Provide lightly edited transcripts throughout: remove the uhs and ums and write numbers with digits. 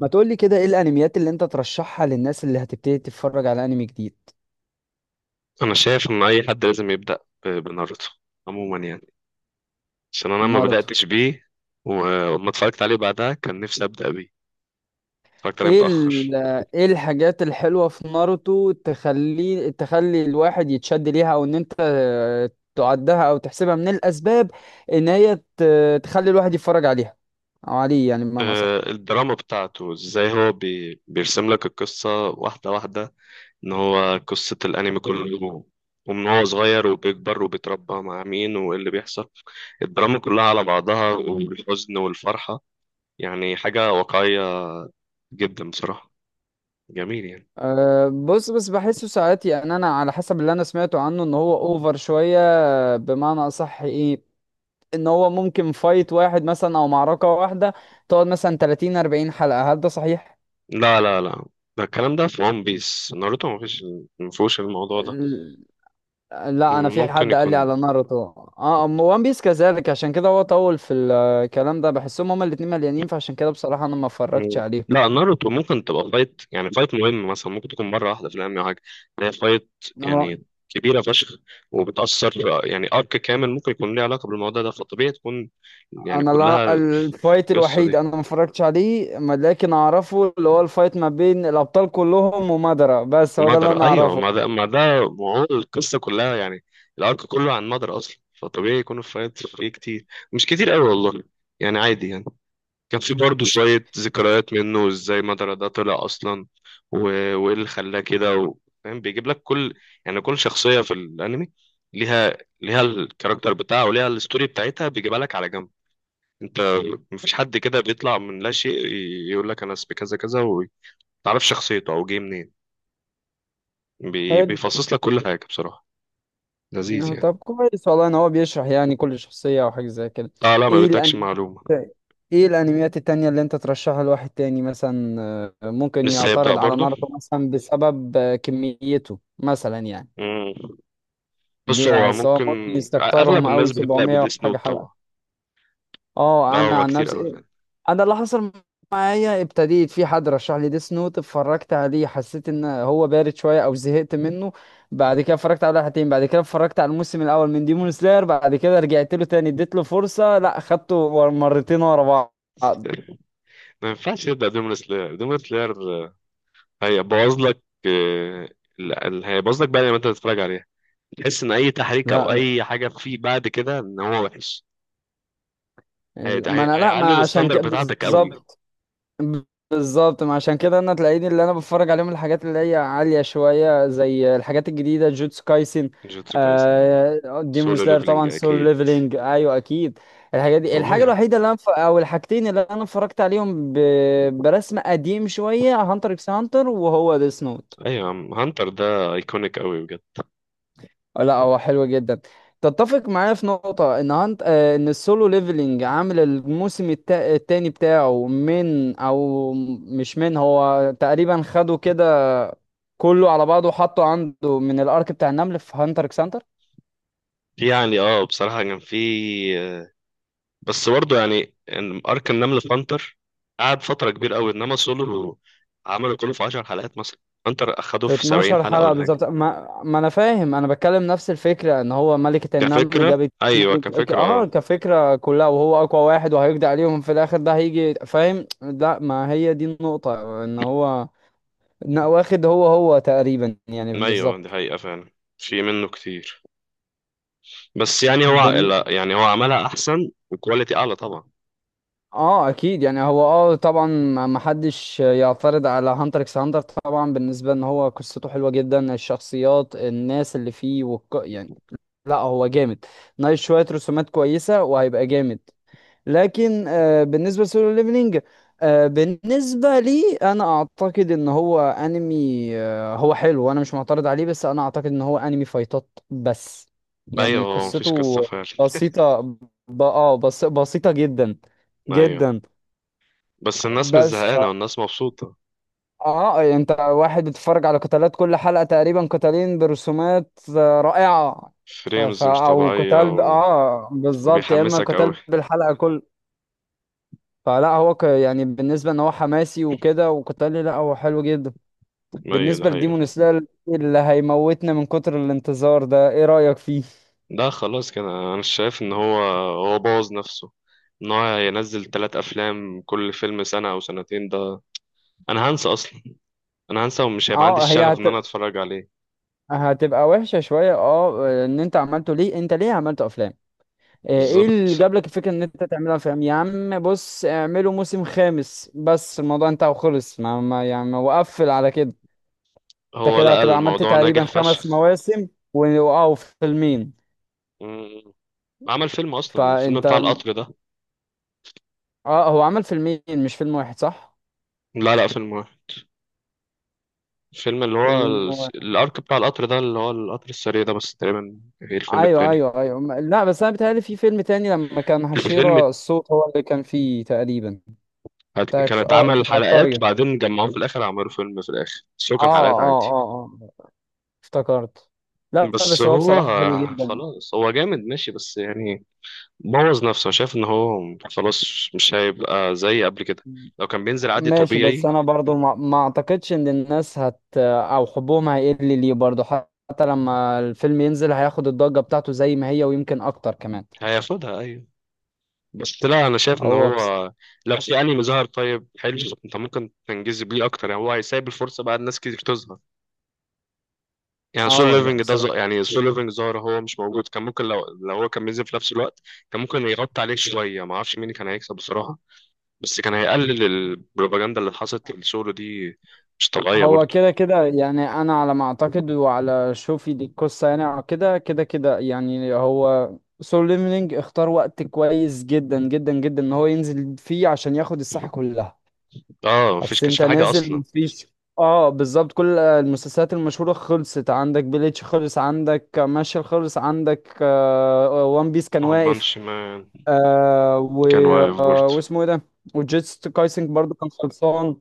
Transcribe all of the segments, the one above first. ما تقولي كده، ايه الانميات اللي انت ترشحها للناس اللي هتبتدي تتفرج على انمي جديد؟ انا شايف ان اي حد لازم يبدا بناروتو عموما يعني، عشان انا ما ناروتو. بداتش بيه وما اتفرجت عليه بعدها، كان نفسي ابدا بيه. اتفرجت عليه ايه متاخر. ايه الحاجات الحلوة في ناروتو تخلي الواحد يتشد ليها، او ان انت تعدها او تحسبها من الاسباب ان هي تخلي الواحد يتفرج عليها، او عليه يعني بمعنى اصح. الدراما بتاعته ازاي، هو بيرسم لك القصه واحده واحده، ان هو قصه الانمي كله، ومن هو صغير وبيكبر وبيتربى مع مين وايه اللي بيحصل، الدراما كلها على بعضها والحزن والفرحه. يعني حاجه واقعيه جدا بصراحه. جميل يعني. أه بص، بس بحسه ساعات، يعني انا على حسب اللي انا سمعته عنه ان هو اوفر شوية، بمعنى اصح ايه، ان هو ممكن فايت واحد مثلا او معركة واحدة تقعد مثلا 30 40 حلقة. هل ده صحيح؟ لا لا لا، ده الكلام ده في ون بيس. ناروتو ما فيش، ما فيهوش الموضوع ده. ال- لا انا في ممكن حد قال لي يكون. على ناروتو. اه وان بيس كذلك، عشان كده هو طول في الكلام ده، بحسهم هما الاتنين مليانين، فعشان كده بصراحة انا ما اتفرجتش مم. عليهم. لا، ناروتو ممكن تبقى فايت، يعني فايت مهم مثلا، ممكن تكون مرة واحدة في الأنمي أو حاجة. هي فايت آه، يعني كبيرة فشخ، وبتأثر. يعني أرك كامل ممكن يكون ليه علاقة بالموضوع ده، فطبيعي تكون يعني انا لا، كلها. الفايت القصة الوحيد دي انا ما اتفرجتش عليه لكن اعرفه، اللي هو الفايت ما بين الابطال كلهم ومادارا، بس هو ده اللي ومدرة، انا أيوه اعرفه. ما ده ما ده، وعموما القصة كلها يعني الأرك كله عن مدرة أصلا، فطبيعي يكون الفايت فيه كتير. مش كتير أوي والله، يعني عادي يعني. كان في برضه شوية ذكريات منه، ازاي مدرة ده طلع أصلا، و... وإيه اللي خلاه كده. و... فاهم، بيجيب لك كل، يعني كل شخصية في الأنمي ليها، الكاركتر بتاعها وليها الستوري بتاعتها، بيجيبها لك على جنب أنت. مفيش حد كده بيطلع من لا شيء يقول لك أنا اسمي كذا كذا، ومتعرفش شخصيته أو جه منين. بيفصص لك كل حاجة بصراحة. لذيذ آه، يعني. طب كويس والله ان هو بيشرح يعني كل شخصية او حاجة زي كده. اه لا، ما ايه بيدكش الانميات معلومة. ايه الانميات التانية اللي انت ترشحها لواحد تاني؟ مثلا ممكن لسه هيبدأ يعترض على برضه. ناروتو مثلا بسبب كميته مثلا يعني. مم. بص ليه هو سواء ممكن، ممكن أغلب يستكترهم اوي الناس بتبدأ 700 بديس وحاجة نوت حلقة. طبعا. لا اه انا هو عن كتير أوي. نفسي، انا اللي حصل معايا ابتديت في حد رشح لي ديس نوت، اتفرجت عليه حسيت ان هو بارد شويه او زهقت منه، بعد كده اتفرجت على حلقتين، بعد كده اتفرجت على الموسم الاول من ديمون سلاير، بعد كده رجعت له تاني اديت له فرصه، لا خدته مرتين ورا بعض. ما ينفعش تبدا دومينو سلاير. دومينو سلاير هيبوظ لك. هيبوظ لك بقى لما انت تتفرج عليها، تحس ان اي تحريك لا او لا. اي حاجه فيه بعد كده ان هو وحش. ما انا لا هيعلي ما عشان الستاندر كده بتاعتك قوي. بالظبط، بالظبط ما عشان كده تلاقيني اللي انا بتفرج عليهم الحاجات اللي هي عالية شوية، زي الحاجات الجديدة، جوتسو كايسن، جوتسو كايسن، أيوة. آه ديمون سولو سلاير ليفلنج طبعا، سول اكيد. ليفلينج ايوه اكيد. الحاجات دي الحاجة طبيعي. الوحيدة اللي او الحاجتين اللي انا اتفرجت عليهم برسم قديم شوية، هانتر اكس هانتر وهو ديس نوت. ايوه يا عم، هانتر ده ايكونيك قوي بجد. لا هو حلو جدا. تتفق معايا في نقطة ان هانت آه، ان السولو ليفلينج عامل الموسم التاني بتاعه من او مش من هو تقريبا، خده كده كله على بعضه وحطه عنده من الارك بتاع النمل في هانتر اكس هانتر في يعني بصراحه كان في، آه، بس برضه يعني إن ارك النمل في هانتر قعد فتره كبيره قوي، انما سولو عملوا كله في 10 حلقات مثلا، هانتر اخدوه في في 70 12 حلقه حلقة ولا حاجه. بالظبط. ما انا فاهم، انا بتكلم نفس الفكرة، ان هو ملكة النمل كفكرة جابت أيوة، كفكرة اه أه. كفكرة كلها وهو اقوى واحد وهيقضي عليهم في الاخر، ده هيجي فاهم؟ لا ما هي دي النقطة، ان هو لا، واخد هو هو تقريبا يعني أيوة دي بالظبط. حقيقة فعلا، في منه كتير. بس يعني هو، بن... لا يعني هو عملها أحسن وكواليتي أعلى طبعا. اه اكيد يعني، هو اه طبعا ما حدش يعترض على هانتر اكس هانتر طبعا، بالنسبه ان هو قصته حلوه جدا، الشخصيات، الناس اللي فيه، يعني لا هو جامد، ناقش شويه، رسومات كويسه وهيبقى جامد. لكن آه، بالنسبة لسولو ليفلينج، آه، بالنسبة لي أنا أعتقد إن هو أنمي آه، هو حلو وأنا مش معترض عليه، بس أنا أعتقد إن هو أنمي فايتات بس، يعني أيوة، هو مفيش قصة قصته فعلا. بسيطة بسيطة جدا أيوة، جدا. بس الناس مش بس ف زهقانة والناس مبسوطة. آه أنت واحد بتتفرج على قتالات، كل حلقة تقريبا قتالين برسومات آه، رائعة. فريمز مش أو طبيعية، قتال ب... و... آه بالظبط، يا إما وبيحمسك أوي. قتال بالحلقة كل. فلا هو يعني بالنسبة ان هو حماسي وكده وقتالي، لا هو حلو جدا. أيوة دي بالنسبة حقيقة لديمون فعلا. سلاير اللي هيموتنا من كتر الانتظار ده، ايه رأيك فيه؟ ده خلاص كده. أنا شايف إن هو بوظ نفسه، إن هو ينزل تلات أفلام كل فيلم سنة أو سنتين ده. أنا هنسى أصلا. أنا هنسى ومش هيبقى عندي اه الشغف إن أنا أتفرج عليه. هتبقى وحشة شوية. اه ان انت عملته ليه؟ انت ليه عملت افلام؟ آه، ايه بالظبط، اللي جاب لك الفكرة ان انت تعملها افلام؟ يا عم بص، اعمله موسم خامس بس، الموضوع انتهى وخلص، ما يعني وقفل على كده. انت هو كده لقى هتبقى عملت الموضوع ناجح تقريبا خمس فشخ. مواسم اه وفيلمين. مم. عمل فيلم اصلا، الفيلم فانت بتاع القطر ده. اه هو عمل فيلمين مش فيلم واحد، صح؟ لا لا، فيلم واحد. الفيلم اللي هو فيلم واحد، الارك بتاع القطر ده، اللي هو القطر السريع ده بس تقريبا، غير الفيلم ايوه التاني. ايوه ايوه لا بس انا بيتهيألي في فيلم تاني لما كان الفيلم حشيرة الصوت، هو اللي كان فيه تقريبا. بتاع كان اه اتعمل بتاع حلقات القرية. بعدين جمعوهم في الاخر، عملوا فيلم في الاخر، بس هو اه كان حلقات اه عادي. اه اه، افتكرت. لا بس بس هو هو بصراحة حلو جدا. خلاص، هو جامد ماشي بس يعني بوظ نفسه. شايف ان هو خلاص مش هيبقى زي قبل كده، لو كان بينزل عادي ماشي بس طبيعي. انا برضو ما اعتقدش ان الناس هت او حبهم هيقل ليه برضو، حتى لما الفيلم ينزل هياخد الضجة بتاعته زي ما هي ويمكن اكتر كمان. هياخدها ايوه، بس لا، انا شايف ان هو بس، هو لو في انمي ظهر طيب حلو، انت ممكن تنجذب بيه اكتر، يعني هو هيسيب الفرصه بقى الناس كتير تظهر. يعني سول اه لا ليفنج ده بصراحة يعني سول ليفنج ظهر، هو مش موجود. كان ممكن لو هو كان بينزل في نفس الوقت، كان ممكن يغطي عليه شويه. ما اعرفش مين كان هيكسب بصراحه، بس كان هيقلل البروباجندا اللي حصلت لسولو دي. مش طبيعيه هو برضه. كده كده يعني، انا على ما اعتقد وعلى شوفي دي القصه يعني، أو كده كده كده يعني، هو سول ليفلينج اختار وقت كويس جدا جدا جدا ان هو ينزل فيه، عشان ياخد الساحه كلها. اه مفيش، اصل كانش انت في حاجه نازل اصلا. مفيش، اه بالظبط، كل المسلسلات المشهوره خلصت، عندك بليتش خلص، عندك ماشي خلص، عندك وان بيس كان وان بانش واقف، مان آه و كان واقف آه برضه. واسمه ايه ده، وجيتس كايسنج برضو كان خلصان.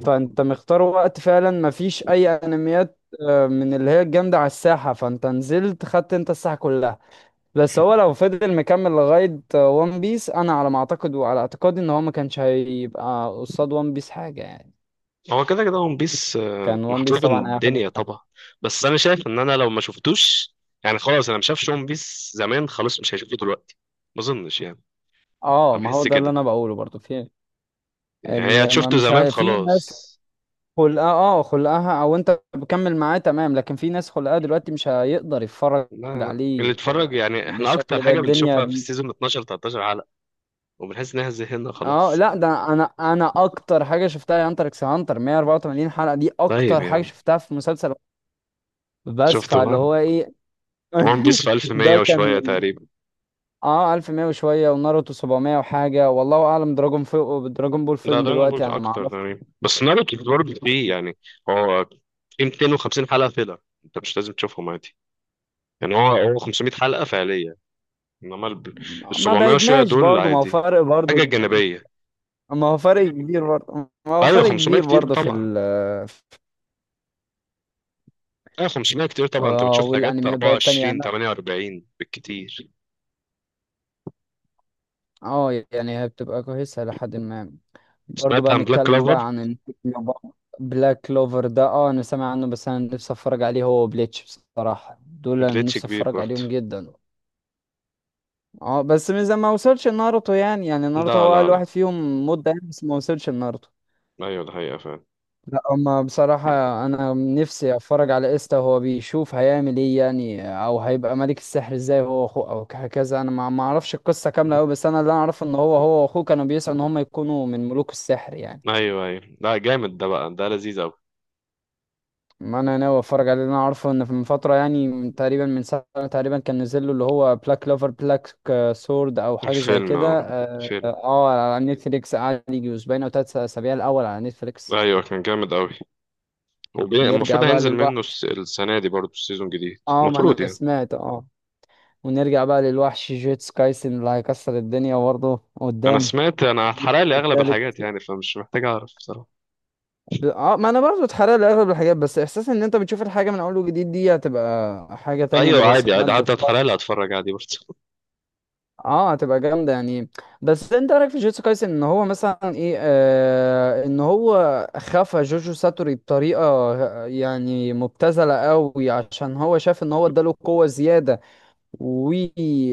فانت مختار وقت فعلا، مفيش اي انميات آه، من اللي هي الجامدة على الساحة، فانت نزلت خدت انت الساحة كلها. بس هو لو فضل مكمل لغاية وان بيس، انا على ما اعتقد وعلى اعتقادي ان هو ما كانش هيبقى قصاد وان بيس حاجة يعني. هو كده كده ون بيس كان وان بيس محبوب طبعا هياخد الدنيا الساحة. طبعا. بس انا شايف ان انا لو ما شفتوش، يعني خلاص، انا ما شافش ون بيس زمان، خلاص مش هيشوفه دلوقتي ما اظنش يعني. اه انا ما هو بحس ده اللي كده، انا بقوله برضو، في يعني هي ال- ما شفته مش زمان ه... في ناس خلاص. خلقها، اه خلقها او انت بكمل معاه تمام، لكن في ناس خلقها دلوقتي مش هيقدر يتفرج لا لا، اللي عليه اتفرج، يعني احنا اكتر بالشكل ده حاجه الدنيا. بنشوفها في السيزون 12 13 حلقه، وبنحس انها زهقنا اه خلاص. لا، ده انا اكتر حاجه شفتها هي هانتر اكس هانتر 184 حلقه، دي طيب اكتر حاجه يعني شفتها في مسلسل. بس شفته فاللي بقى. هو ايه؟ ون بيس في 1100 ده كان وشويه تقريبا. اه 1100 وشويه، وناروتو 700 وحاجه، والله اعلم، دراجون فوق دراجون بول لا، فيلم دراجون بول دلوقتي انا ما اكتر اعرف. تقريبا، بس ناروتو برضه فيه يعني، هو في 250 حلقه فيلر انت مش لازم تشوفهم عادي. يعني هو 500 حلقة فعلية، انما ال ما 700 وشوية بعدناش دول برضه، ما هو عادي. فرق حاجة برضه، جانبية. ما هو فرق كبير برضه، ما هو ايوه فرق 500 كبير كتير برضه في طبعا. ال. ايوه 500 كتير طبعا، انت آه، بتشوف حاجات والانميات بقى التانية 24 انا، 48 بالكتير. اه يعني هي بتبقى كويسه لحد ما، برضو سمعت بقى عن بلاك نتكلم كلوفر. بقى عن بلاك كلوفر ده اه انا سامع عنه، بس انا نفسي اتفرج عليه هو وبليتش. بصراحة دول انا جليتش نفسي كبير اتفرج برضه. عليهم جدا. اه بس من زمان ما وصلش ناروتو يعني، يعني ناروتو لا هو لا اقل لا. واحد فيهم مدة يعني، بس ما وصلش لناروتو. ايوه ده حقيقة فعلا. لا اما بصراحة، انا نفسي اتفرج على ايستا وهو بيشوف هيعمل ايه يعني، او هيبقى ملك السحر ازاي هو واخوه، او هكذا. انا ما اعرفش القصة كاملة قوي، بس انا اللي انا اعرفه ان هو هو واخوه كانوا بيسعوا ان هم يكونوا من ملوك السحر يعني. ايوه ايوه، لا جامد، ده بقى ده لذيذ اوي. ما انا ناوي اتفرج عليه، لأن انا عارفه ان في من فتره يعني من تقريبا من سنه تقريبا كان نزل له اللي هو بلاك لوفر بلاك سورد او حاجه زي الفيلم، كده اه، فيلم. آه، على نتفليكس، قعد يجي اسبوعين او ثلاث اسابيع الاول على نتفليكس. ايوه كان جامد اوي. نرجع المفروض بقى هينزل منه للوحش. السنة دي برضه، السيزون جديد اه ما المفروض انا يعني. سمعت، اه ونرجع بقى للوحش جيتس كايسن اللي هيكسر الدنيا برضه انا قدام سمعت، في انا الجزء اتحرق لي اغلب التالت. الحاجات يعني، فمش محتاج اعرف بصراحة. اه ما انا برضه اتحرق لي اغلب الحاجات، بس احساس ان انت بتشوف الحاجه من اول وجديد دي هتبقى حاجه تانية ايوه عادي بالرسومات. عادي، حتى اتحلال اتفرج عادي برضه. اه هتبقى جامده يعني. بس انت إيه رايك في جوجوتسو كايسن، ان هو مثلا ايه آه ان هو خفى جوجو ساتوري بطريقه يعني مبتذله قوي، عشان هو شاف ان هو اداله قوه زياده، و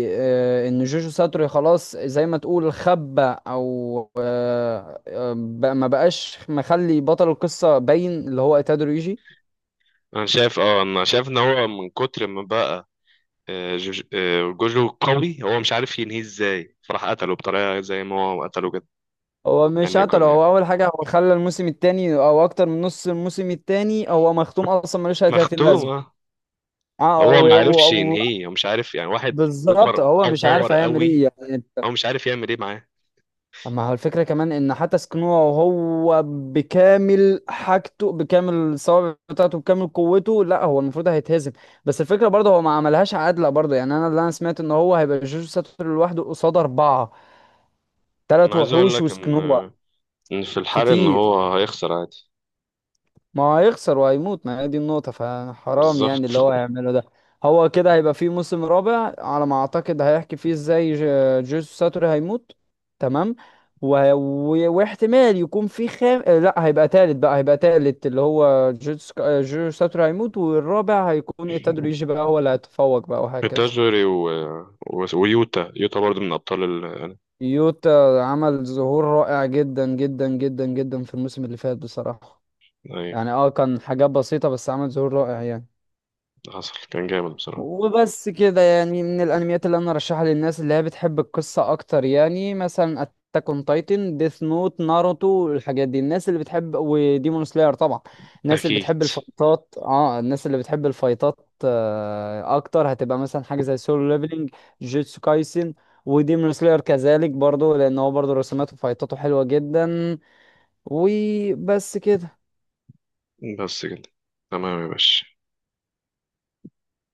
آه ان جوجو ساتوري خلاص زي ما تقول خبى او آه آه، بقى ما بقاش، مخلي بطل القصه باين اللي هو ايتادو ريجي. انا شايف، انا شايف ان هو من كتر ما بقى جوجو قوي، هو مش عارف ينهيه ازاي، فراح قتله بطريقه زي ما هو قتله كده. هو ان مش قتله، يكون هو يعني اول حاجه هو خلى الموسم التاني او اكتر من نص الموسم التاني هو مختوم اصلا، ملوش اي 30 مختوم، لازمه. اه. اه هو ما عرفش ينهيه، هو مش عارف يعني واحد بالظبط اوفر هو او مش عارف باور هيعمل قوي، ايه يعني انت. هو مش عارف يعمل ايه معاه. اما هو الفكره كمان ان حتى سكنوه، وهو بكامل حاجته بكامل الصوابع بتاعته بكامل قوته، لا هو المفروض هيتهزم. بس الفكره برضه هو ما عملهاش عادله برضه، يعني انا اللي انا سمعت ان هو هيبقى جوجو ساتورو لوحده قصاد اربعه، انا ثلاث عايز اقول وحوش لك ان وسكنوه ان في الحرق ان كتير. هو هيخسر عادي. ما هو هيخسر وهيموت، ما هي دي النقطة، فحرام يعني بالظبط اللي هو هيعمله ده. هو كده هيبقى فيه موسم رابع على ما أعتقد هيحكي فيه ازاي جيسوس ساتوري هيموت. تمام. واحتمال يكون في خام آه، لا هيبقى تالت بقى، هيبقى تالت اللي هو جيسوس آه، جيسوس ساتوري هيموت، والرابع هيكون إيتادوري يجي بقى هو اللي هيتفوق بقى وهكذا. ميتاجوري ويوتا، برضه من ابطال ال... آه، يوتا عمل ظهور رائع جدا جدا جدا جدا في الموسم اللي فات بصراحة، ايه، يعني اه كان حاجات بسيطة بس عمل ظهور رائع يعني. حصل كان جامد بصراحه. وبس كده يعني، من الانميات اللي انا ارشحها للناس اللي هي بتحب القصة اكتر، يعني مثلا اتاك اون تايتن، ديث نوت، ناروتو، الحاجات دي الناس اللي بتحب، وديمون سلاير طبعا. الناس اللي اكيد. بتحب الفايتات اه الناس اللي بتحب الفايتات آه اكتر هتبقى مثلا حاجة زي سولو ليفلينج، جيتسو كايسن، وديمون سلاير كذلك برضو لان هو برضو رسوماته وفايتاته حلوة جدا. وبس كده. بس كده. تمام يا باشا.